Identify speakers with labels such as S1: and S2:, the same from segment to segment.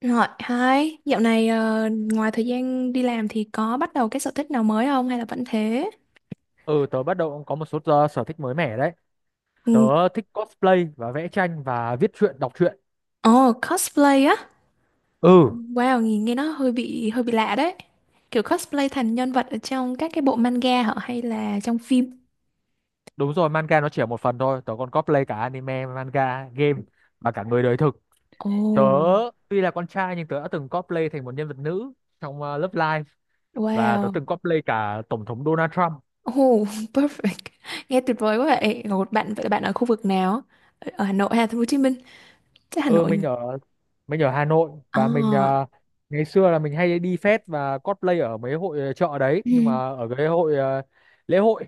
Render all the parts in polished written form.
S1: Rồi, hai, dạo này ngoài thời gian đi làm thì có bắt đầu cái sở thích nào mới không hay là vẫn thế?
S2: Ừ, tớ bắt đầu cũng có một số sở thích mới mẻ đấy. Tớ
S1: Ừ.
S2: thích cosplay và vẽ tranh và viết truyện, đọc truyện.
S1: Ồ, cosplay á.
S2: Ừ,
S1: Wow, nhìn nghe nó hơi bị lạ đấy. Kiểu cosplay thành nhân vật ở trong các cái bộ manga hả hay là trong phim?
S2: đúng rồi, manga nó chỉ là một phần thôi. Tớ còn cosplay cả anime, manga, game và cả người đời thực. Tớ
S1: Ồ.
S2: tuy là con trai nhưng tớ đã từng cosplay thành một nhân vật nữ trong Love Live, và tớ
S1: Wow.
S2: từng cosplay cả Tổng thống Donald Trump.
S1: Oh, perfect. Nghe tuyệt vời quá vậy. Một bạn vậy là bạn ở khu vực nào? Ở Hà Nội hay là thành phố Hồ Chí Minh? Chắc Hà
S2: Ừ,
S1: Nội
S2: mình
S1: nhỉ?
S2: ở mình ở Hà Nội, và mình
S1: À.
S2: ngày xưa là mình hay đi fest và cosplay ở mấy hội chợ đấy, nhưng mà
S1: Ừ.
S2: ở cái hội lễ hội,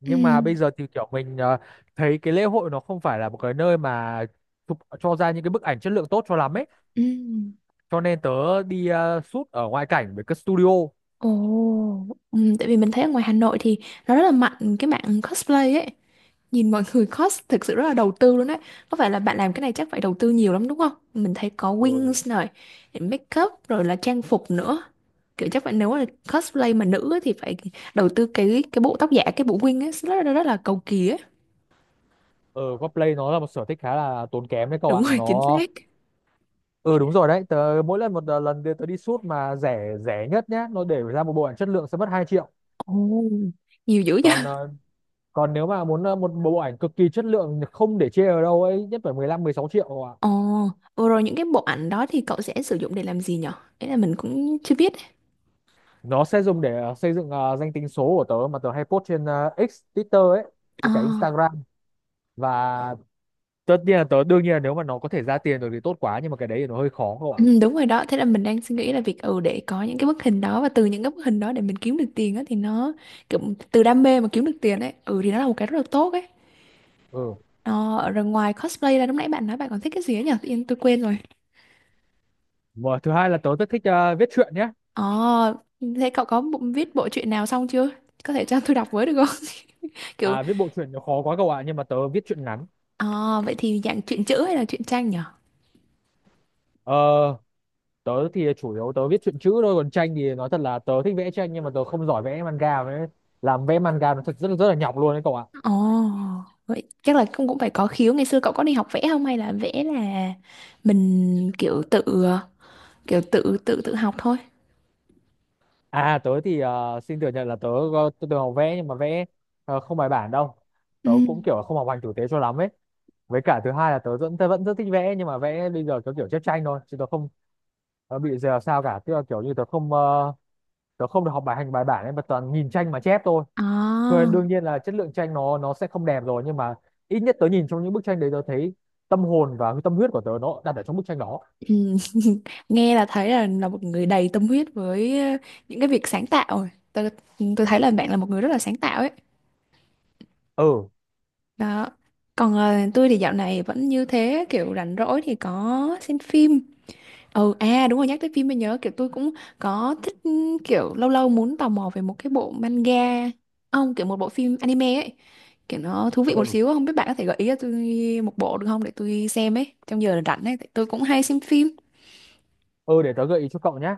S2: nhưng
S1: Ừ.
S2: mà bây giờ thì kiểu mình thấy cái lễ hội nó không phải là một cái nơi mà chụp cho ra những cái bức ảnh chất lượng tốt cho lắm ấy,
S1: Ừ.
S2: cho nên tớ đi shoot ở ngoại cảnh với cái studio.
S1: Ồ. Tại vì mình thấy ở ngoài Hà Nội thì nó rất là mạnh cái mạng cosplay ấy. Nhìn mọi người cos thực sự rất là đầu tư luôn đấy. Có phải là bạn làm cái này chắc phải đầu tư nhiều lắm đúng không? Mình thấy có
S2: Ở
S1: wings này, make up rồi là trang phục nữa. Kiểu chắc phải nếu là cosplay mà nữ ấy, thì phải đầu tư cái bộ tóc giả, cái bộ wing ấy rất là cầu kỳ ấy.
S2: ở Cosplay nó là một sở thích khá là tốn kém đấy cậu
S1: Đúng
S2: ạ,
S1: rồi, chính
S2: nó
S1: xác.
S2: ừ đúng rồi đấy. Tớ mỗi lần một ờ, lần đi- tớ đi shoot mà rẻ rẻ nhất nhá, nó để ra một bộ ảnh chất lượng sẽ mất 2 triệu.
S1: Ồ, nhiều dữ vậy.
S2: Còn còn nếu mà muốn một bộ ảnh cực kỳ chất lượng không để chê ở đâu ấy, nhất phải 15-16 triệu.
S1: Ồ, vừa rồi những cái bộ ảnh đó thì cậu sẽ sử dụng để làm gì nhở? Ý là mình cũng chưa biết.
S2: Nó sẽ dùng để xây dựng danh tính số của tớ mà tớ hay post trên X, Twitter ấy, với cả
S1: À.
S2: Instagram. Và tất nhiên là tớ đương nhiên là nếu mà nó có thể ra tiền được thì tốt quá, nhưng mà cái đấy thì nó hơi khó cậu ạ.
S1: Ừ, đúng rồi đó. Thế là mình đang suy nghĩ là việc để có những cái bức hình đó và từ những cái bức hình đó để mình kiếm được tiền á thì nó kiểu, từ đam mê mà kiếm được tiền ấy thì nó là một cái rất là tốt ấy.
S2: Ừ,
S1: Ờ, Rồi ngoài cosplay ra lúc nãy bạn nói bạn còn thích cái gì ấy nhỉ, tự nhiên tôi quên rồi.
S2: mà thứ hai là tớ rất thích viết truyện nhé.
S1: Ờ, thế cậu có bộ, viết bộ truyện nào xong chưa, có thể cho tôi đọc với được không? Kiểu.
S2: À, viết bộ truyện nó khó quá cậu ạ, nhưng mà tớ viết truyện ngắn.
S1: Ờ, vậy thì dạng truyện chữ hay là truyện tranh nhỉ?
S2: Ờ, tớ thì chủ yếu tớ viết truyện chữ thôi, còn tranh thì nói thật là tớ thích vẽ tranh nhưng mà tớ không giỏi vẽ manga, với làm vẽ manga nó thật rất rất là nhọc luôn đấy cậu ạ.
S1: Ồ, vậy chắc là cũng cũng phải có khiếu. Ngày xưa cậu có đi học vẽ không hay là vẽ là mình kiểu tự kiểu tự tự tự học thôi?
S2: À, tớ thì xin thừa nhận là tớ từng học vẽ nhưng mà vẽ không bài bản đâu.
S1: Ừ.
S2: Tớ cũng kiểu không học hành tử tế cho lắm ấy. Với cả thứ hai là tớ vẫn rất thích vẽ nhưng mà vẽ bây giờ tớ kiểu chép tranh thôi, chứ tớ không tớ bị giờ sao cả. Tức là kiểu như tớ không được học bài hành bài bản ấy, mà toàn nhìn tranh mà chép thôi. Rồi
S1: À.
S2: đương nhiên là chất lượng tranh nó sẽ không đẹp rồi, nhưng mà ít nhất tớ nhìn trong những bức tranh đấy tớ thấy tâm hồn và tâm huyết của tớ nó đặt ở trong bức tranh đó.
S1: Ừ. Nghe là thấy là một người đầy tâm huyết với những cái việc sáng tạo rồi. Tôi thấy là bạn là một người rất là sáng tạo ấy.
S2: Ừ,
S1: Đó. Còn tôi thì dạo này vẫn như thế, kiểu rảnh rỗi thì có xem phim. Ừ à đúng rồi, nhắc tới phim mới nhớ, kiểu tôi cũng có thích kiểu lâu lâu muốn tò mò về một cái bộ manga. Không, kiểu một bộ phim anime ấy. Kiểu nó thú vị một
S2: ừ,
S1: xíu, không biết bạn có thể gợi ý cho tôi một bộ được không để tôi xem ấy trong giờ rảnh ấy, tại tôi cũng hay xem phim.
S2: ừ. Để tớ gợi ý cho cậu nhé.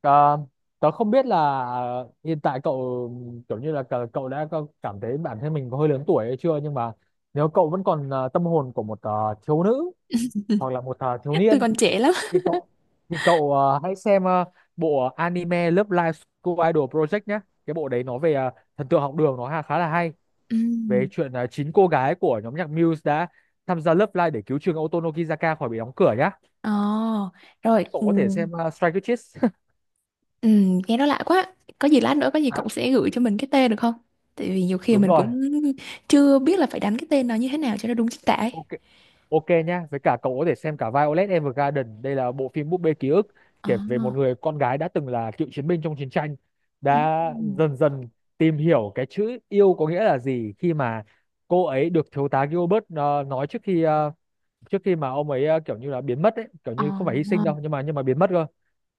S2: Ờ, tớ không biết là hiện tại cậu kiểu như là cậu đã có cảm thấy bản thân mình có hơi lớn tuổi hay chưa, nhưng mà nếu cậu vẫn còn tâm hồn của một thiếu nữ hoặc là một thiếu
S1: Tôi
S2: niên
S1: còn trẻ lắm.
S2: thì cậu hãy xem bộ anime Love Live School Idol Project nhé. Cái bộ đấy nó về thần tượng học đường, nó khá là hay, về
S1: Ừm.
S2: chuyện chín cô gái của nhóm nhạc Muse đã tham gia Love Live để cứu trường Oto khỏi bị đóng cửa nhá.
S1: Ồ. Rồi.
S2: Cậu có thể
S1: Ừm.
S2: xem Strike Kids.
S1: Nghe nó lạ quá. Có gì lát nữa có gì cậu
S2: À,
S1: sẽ gửi cho mình cái tên được không? Tại vì nhiều khi
S2: đúng
S1: mình
S2: rồi.
S1: cũng chưa biết là phải đánh cái tên nó như thế nào cho nó đúng chính tả ấy.
S2: Ok, ok nhá, với cả cậu có thể xem cả Violet Evergarden. Đây là bộ phim búp bê ký ức,
S1: Ờ.
S2: kể về một người con gái đã từng là cựu chiến binh trong chiến tranh,
S1: Ừm.
S2: đã
S1: Ừm.
S2: dần dần tìm hiểu cái chữ yêu có nghĩa là gì khi mà cô ấy được thiếu tá Gilbert nói trước khi mà ông ấy kiểu như là biến mất ấy, kiểu
S1: Ờ.
S2: như không phải hy sinh đâu nhưng mà biến mất cơ,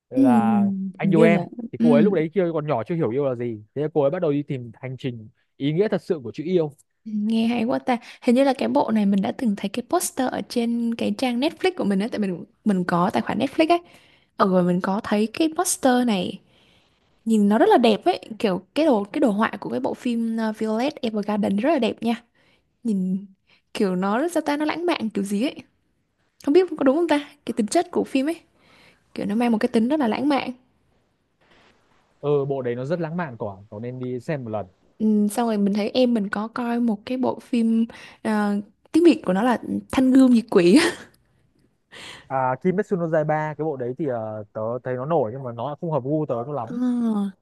S2: là
S1: Ừm.
S2: anh
S1: Hình
S2: yêu
S1: như
S2: em.
S1: là.
S2: Thì cô ấy lúc
S1: Ừm,
S2: đấy kia còn nhỏ chưa hiểu yêu là gì, thế là cô ấy bắt đầu đi tìm hành trình ý nghĩa thật sự của chữ yêu.
S1: nghe hay quá ta. Hình như là cái bộ này mình đã từng thấy cái poster ở trên cái trang Netflix của mình á, tại mình có tài khoản Netflix ấy. Ở rồi mình có thấy cái poster này, nhìn nó rất là đẹp ấy, kiểu cái đồ họa của cái bộ phim Violet Evergarden rất là đẹp nha. Nhìn kiểu nó rất sao ta nó lãng mạn kiểu gì ấy. Không biết có đúng không ta? Cái tính chất của phim ấy, kiểu nó mang một cái tính rất là lãng mạn.
S2: Ừ, bộ đấy nó rất lãng mạn quả, cậu nên đi xem một lần.
S1: Ừ, xong rồi mình thấy em mình có coi một cái bộ phim uh, tiếng Việt của nó là Thanh Gươm Diệt Quỷ.
S2: À, Kimetsu no Yaiba cái bộ đấy thì tớ thấy nó nổi nhưng mà nó không hợp gu tớ cho
S1: Ờ,
S2: lắm.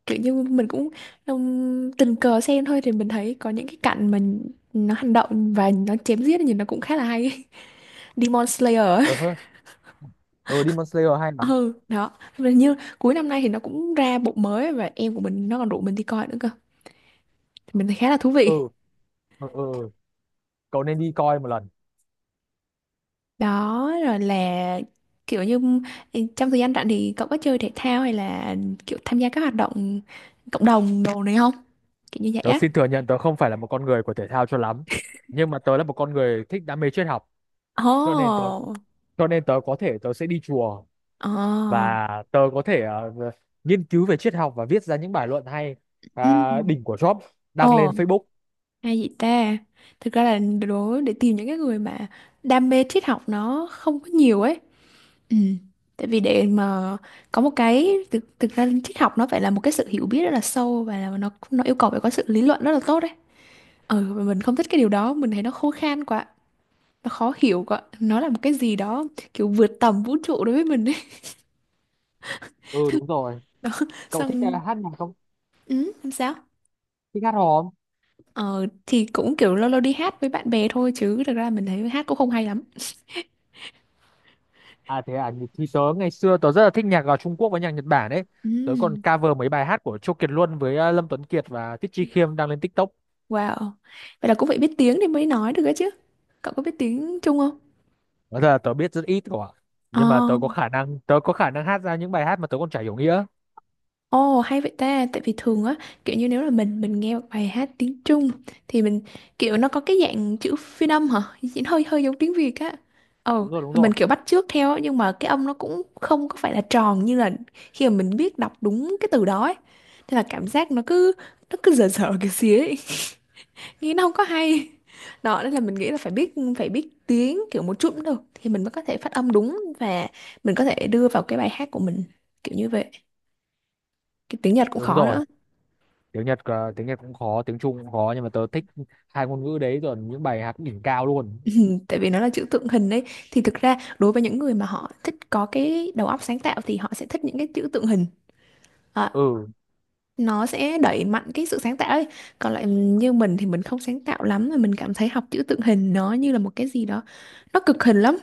S1: kiểu như mình cũng tình cờ xem thôi thì mình thấy có những cái cảnh mà nó hành động và nó chém giết thì nó cũng khá là hay. Demon Slayer á.
S2: Ờ hơ, ờ Demon Slayer hay lắm.
S1: Ừ đó. Mà như cuối năm nay thì nó cũng ra bộ mới và em của mình nó còn rủ mình đi coi nữa cơ, thì mình thấy khá là thú
S2: Ừ,
S1: vị.
S2: ừ, ừ, ừ. Cậu nên đi coi một lần.
S1: Đó rồi là kiểu như trong thời gian rảnh thì cậu có chơi thể thao hay là kiểu tham gia các hoạt động cộng đồng đồ này không, kiểu như vậy
S2: Tớ
S1: á?
S2: xin thừa nhận tớ không phải là một con người của thể thao cho lắm, nhưng mà tớ là một con người thích đam mê triết học, cho nên tớ
S1: Ồ.
S2: cho nên tớ có thể tớ sẽ đi chùa,
S1: Ồ.
S2: và tớ có thể nghiên cứu về triết học và viết ra những bài luận hay,
S1: Ừ.
S2: à, đỉnh của Job, đăng
S1: Ồ.
S2: lên Facebook.
S1: Hay vậy ta? Thực ra là đố để tìm những cái người mà đam mê triết học nó không có nhiều ấy. Ừ. Tại vì để mà có một cái thực ra triết học nó phải là một cái sự hiểu biết rất là sâu và là nó yêu cầu phải có sự lý luận rất là tốt đấy. Ừ, và mình không thích cái điều đó, mình thấy nó khô khan quá, nó khó hiểu quá. Nó là một cái gì đó kiểu vượt tầm vũ trụ đối với mình ấy.
S2: Ừ, đúng rồi. Cậu thích
S1: Xong.
S2: hát nhạc không?
S1: Ừ, làm sao?
S2: Thích hát hò.
S1: Ờ thì cũng kiểu lâu lâu đi hát với bạn bè thôi chứ thực ra mình thấy hát cũng không hay lắm.
S2: À thế à, thì tớ ngày xưa tớ rất là thích nhạc ở Trung Quốc với nhạc Nhật Bản ấy. Tớ còn
S1: Ừ.
S2: cover mấy bài hát của Châu Kiệt Luân với Lâm Tuấn Kiệt và Tiết Chi Khiêm đang lên TikTok.
S1: Wow. Vậy là cũng phải biết tiếng thì mới nói được ấy chứ. Cậu có biết tiếng Trung không?
S2: Nói thật là tớ biết rất ít của, nhưng mà tớ
S1: Ờ.
S2: có khả năng tớ có khả năng hát ra những bài hát mà tớ còn chả hiểu nghĩa.
S1: Ồ hay vậy ta, tại vì thường á, kiểu như nếu là mình nghe một bài hát tiếng Trung thì mình kiểu nó có cái dạng chữ phiên âm hả? Chỉ hơi hơi giống tiếng Việt á. Ồ,
S2: Đúng rồi, đúng
S1: và mình
S2: rồi.
S1: kiểu bắt chước theo á, nhưng mà cái âm nó cũng không có phải là tròn như là khi mà mình biết đọc đúng cái từ đó ấy. Nên là cảm giác nó cứ dở dở cái xía ấy. Nghĩ nó không có hay. Đó nên là mình nghĩ là phải biết tiếng kiểu một chút cũng được thì mình mới có thể phát âm đúng và mình có thể đưa vào cái bài hát của mình kiểu như vậy. Cái tiếng Nhật cũng
S2: Đúng
S1: khó
S2: rồi.
S1: nữa.
S2: Tiếng Nhật cũng khó, tiếng Trung cũng khó, nhưng mà tớ thích hai ngôn ngữ đấy, rồi những bài hát đỉnh cao luôn.
S1: Tại vì nó là chữ tượng hình đấy, thì thực ra đối với những người mà họ thích có cái đầu óc sáng tạo thì họ sẽ thích những cái chữ tượng hình. À,
S2: Ừ,
S1: nó sẽ đẩy mạnh cái sự sáng tạo ấy. Còn lại như mình thì mình không sáng tạo lắm mà mình cảm thấy học chữ tượng hình nó như là một cái gì đó nó cực hình lắm,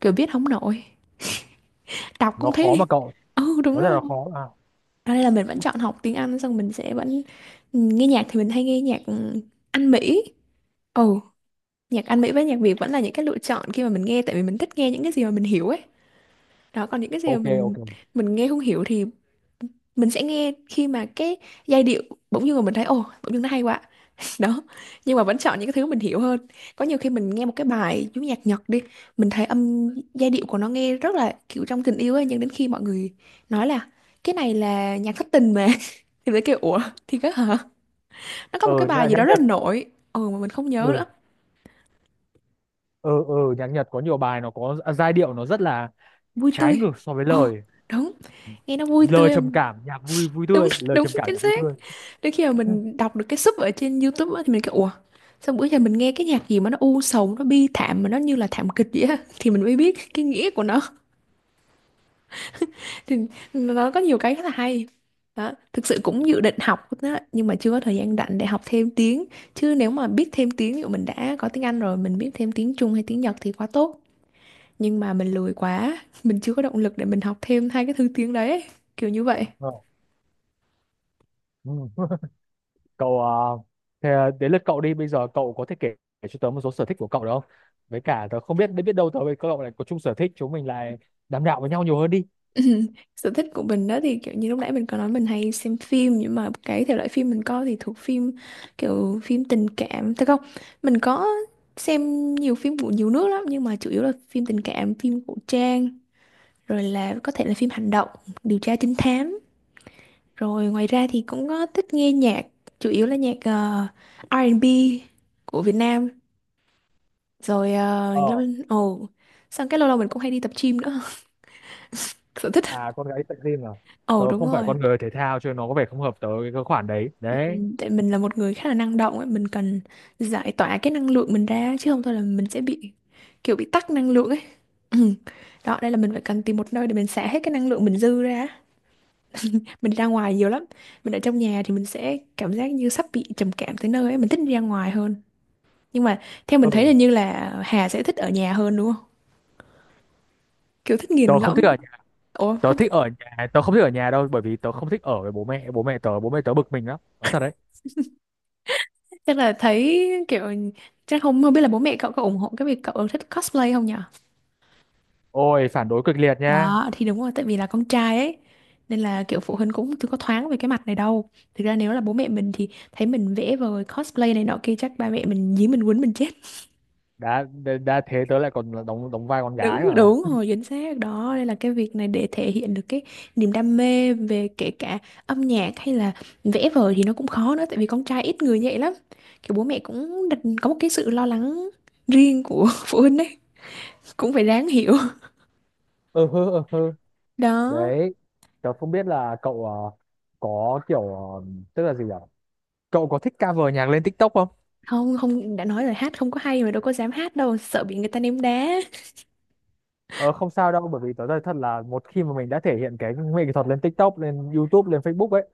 S1: kiểu viết không nổi, đọc
S2: nó
S1: cũng
S2: khó
S1: thế.
S2: mà cậu.
S1: Ừ đúng
S2: Nó rất
S1: rồi.
S2: là khó mà.
S1: Ở đây là mình vẫn chọn học tiếng Anh xong mình sẽ vẫn nghe nhạc thì mình hay nghe nhạc Anh Mỹ. Ồ, nhạc Anh Mỹ với nhạc Việt vẫn là những cái lựa chọn khi mà mình nghe tại vì mình thích nghe những cái gì mà mình hiểu ấy. Đó còn những cái gì mà
S2: Ok,
S1: mình
S2: ok.
S1: mình nghe không hiểu thì mình sẽ nghe khi mà cái giai điệu bỗng dưng mà mình thấy ồ bỗng dưng nó hay quá. Đó, nhưng mà vẫn chọn những cái thứ mình hiểu hơn. Có nhiều khi mình nghe một cái bài chú nhạc Nhật đi, mình thấy âm giai điệu của nó nghe rất là kiểu trong tình yêu ấy nhưng đến khi mọi người nói là cái này là nhạc thất tình mà thì mới kêu ủa, thì cái hả, nó có một cái
S2: Ừ,
S1: bài
S2: nhạc
S1: gì
S2: nhạc
S1: đó rất
S2: Nhật.
S1: là nổi ừ mà mình không nhớ
S2: Ừ.
S1: nữa.
S2: Ừ, ừ, nhạc Nhật có nhiều bài nó có giai điệu nó rất là
S1: Vui
S2: trái
S1: tươi.
S2: ngược so với
S1: Ồ
S2: lời.
S1: đúng. Nghe nó vui
S2: Lời
S1: tươi.
S2: trầm cảm nhạc vui, vui
S1: Đúng,
S2: tươi, lời
S1: đúng
S2: trầm cảm,
S1: chính
S2: nhạc vui
S1: xác.
S2: tươi.
S1: Đến khi mà mình đọc được cái sub ở trên YouTube á, thì mình kêu ủa sao bữa giờ mình nghe cái nhạc gì mà nó u sầu nó bi thảm mà nó như là thảm kịch vậy á thì mình mới biết cái nghĩa của nó. Thì nó có nhiều cái rất là hay đó, thực sự cũng dự định học đó, nhưng mà chưa có thời gian rảnh để học thêm tiếng. Chứ nếu mà biết thêm tiếng ví dụ mình đã có tiếng Anh rồi mình biết thêm tiếng Trung hay tiếng Nhật thì quá tốt, nhưng mà mình lười quá. Mình chưa có động lực để mình học thêm hai cái thứ tiếng đấy, kiểu như vậy.
S2: Ờ. Ừ. Cậu à, thế à, đến lượt cậu đi, bây giờ cậu có thể kể, cho tớ một số sở thích của cậu được không, với cả tớ không biết, biết đâu tớ với cậu lại có chung sở thích, chúng mình lại đàm đạo với nhau nhiều hơn đi.
S1: Ừm, sở thích của mình đó thì kiểu như lúc nãy mình có nói mình hay xem phim nhưng mà cái thể loại phim mình coi thì thuộc phim kiểu phim tình cảm thế không. Mình có xem nhiều phim của nhiều nước lắm nhưng mà chủ yếu là phim tình cảm, phim cổ trang, rồi là có thể là phim hành động, điều tra trinh thám. Rồi ngoài ra thì cũng có thích nghe nhạc, chủ yếu là nhạc R&B của Việt Nam. Rồi ờ,
S2: ờ
S1: lâu. Ồ, xong cái lâu lâu mình cũng hay đi tập gym nữa. Sở thích.
S2: À, con gái đi tập gym à?
S1: Ồ
S2: Tớ
S1: đúng
S2: không phải
S1: rồi.
S2: con người thể thao cho nên nó có vẻ không hợp tớ cái khoản đấy
S1: Ừ.
S2: đấy.
S1: Tại mình là một người khá là năng động ấy, mình cần giải tỏa cái năng lượng mình ra chứ không thôi là mình sẽ bị kiểu bị tắc năng lượng ấy. Ừ. Đó, đây là mình phải cần tìm một nơi để mình xả hết cái năng lượng mình dư ra. Mình đi ra ngoài nhiều lắm. Mình ở trong nhà thì mình sẽ cảm giác như sắp bị trầm cảm tới nơi ấy, mình thích đi ra ngoài hơn. Nhưng mà theo mình thấy
S2: Ừ.
S1: là như là Hà sẽ thích ở nhà hơn đúng không? Kiểu thích nghiền
S2: Tớ không
S1: ngẫm.
S2: thích ở nhà.
S1: Ủa
S2: Tớ
S1: không
S2: thích
S1: thích,
S2: ở nhà. Tớ không thích ở nhà đâu, bởi vì tớ không thích ở với bố mẹ tớ bực mình lắm, nói thật đấy.
S1: chắc là thấy kiểu chắc không, không biết là bố mẹ cậu có ủng hộ cái việc cậu thích cosplay không nhỉ?
S2: Ôi phản đối cực liệt nha.
S1: Đó thì đúng rồi tại vì là con trai ấy nên là kiểu phụ huynh cũng chưa có thoáng về cái mặt này đâu. Thực ra nếu là bố mẹ mình thì thấy mình vẽ vời cosplay này nọ kia chắc ba mẹ mình dí mình quấn mình chết.
S2: Đã thế tớ lại còn đóng đóng vai con gái
S1: Đúng
S2: mà.
S1: đúng rồi chính xác đó, đây là cái việc này để thể hiện được cái niềm đam mê về kể cả âm nhạc hay là vẽ vời thì nó cũng khó nữa tại vì con trai ít người như vậy lắm. Kiểu bố mẹ cũng đặt có một cái sự lo lắng riêng của phụ huynh ấy cũng phải đáng hiểu.
S2: Ừ hư, ừ hư.
S1: Đó.
S2: Đấy. Tớ không biết là cậu có kiểu tức là gì nhỉ? Cậu có thích cover nhạc lên TikTok không?
S1: Không, không đã nói rồi hát không có hay mà đâu có dám hát đâu sợ bị người ta ném đá.
S2: Ờ, không sao đâu, bởi vì tớ nói thật là một khi mà mình đã thể hiện cái nghệ thuật lên TikTok, lên YouTube, lên Facebook ấy,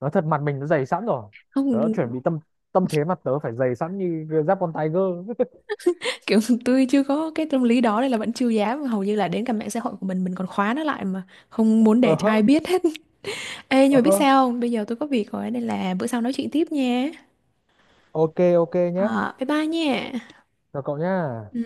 S2: nói thật mặt mình nó dày sẵn rồi. Tớ đã chuẩn
S1: Không,
S2: bị tâm tâm thế, mặt tớ phải dày sẵn như giáp con tiger.
S1: kiểu tôi chưa có cái tâm lý đó nên là vẫn chưa dám, hầu như là đến cả mạng xã hội của mình còn khóa nó lại mà không muốn để
S2: Ờ
S1: cho
S2: hơ,
S1: ai biết hết. Ê nhưng
S2: ờ
S1: mà biết
S2: hơ.
S1: sao không bây giờ tôi có việc rồi nên là bữa sau nói chuyện tiếp nha.
S2: Ok, ok nhé.
S1: Ờ, bye bye nha.
S2: Chào cậu nhá.
S1: Ừ.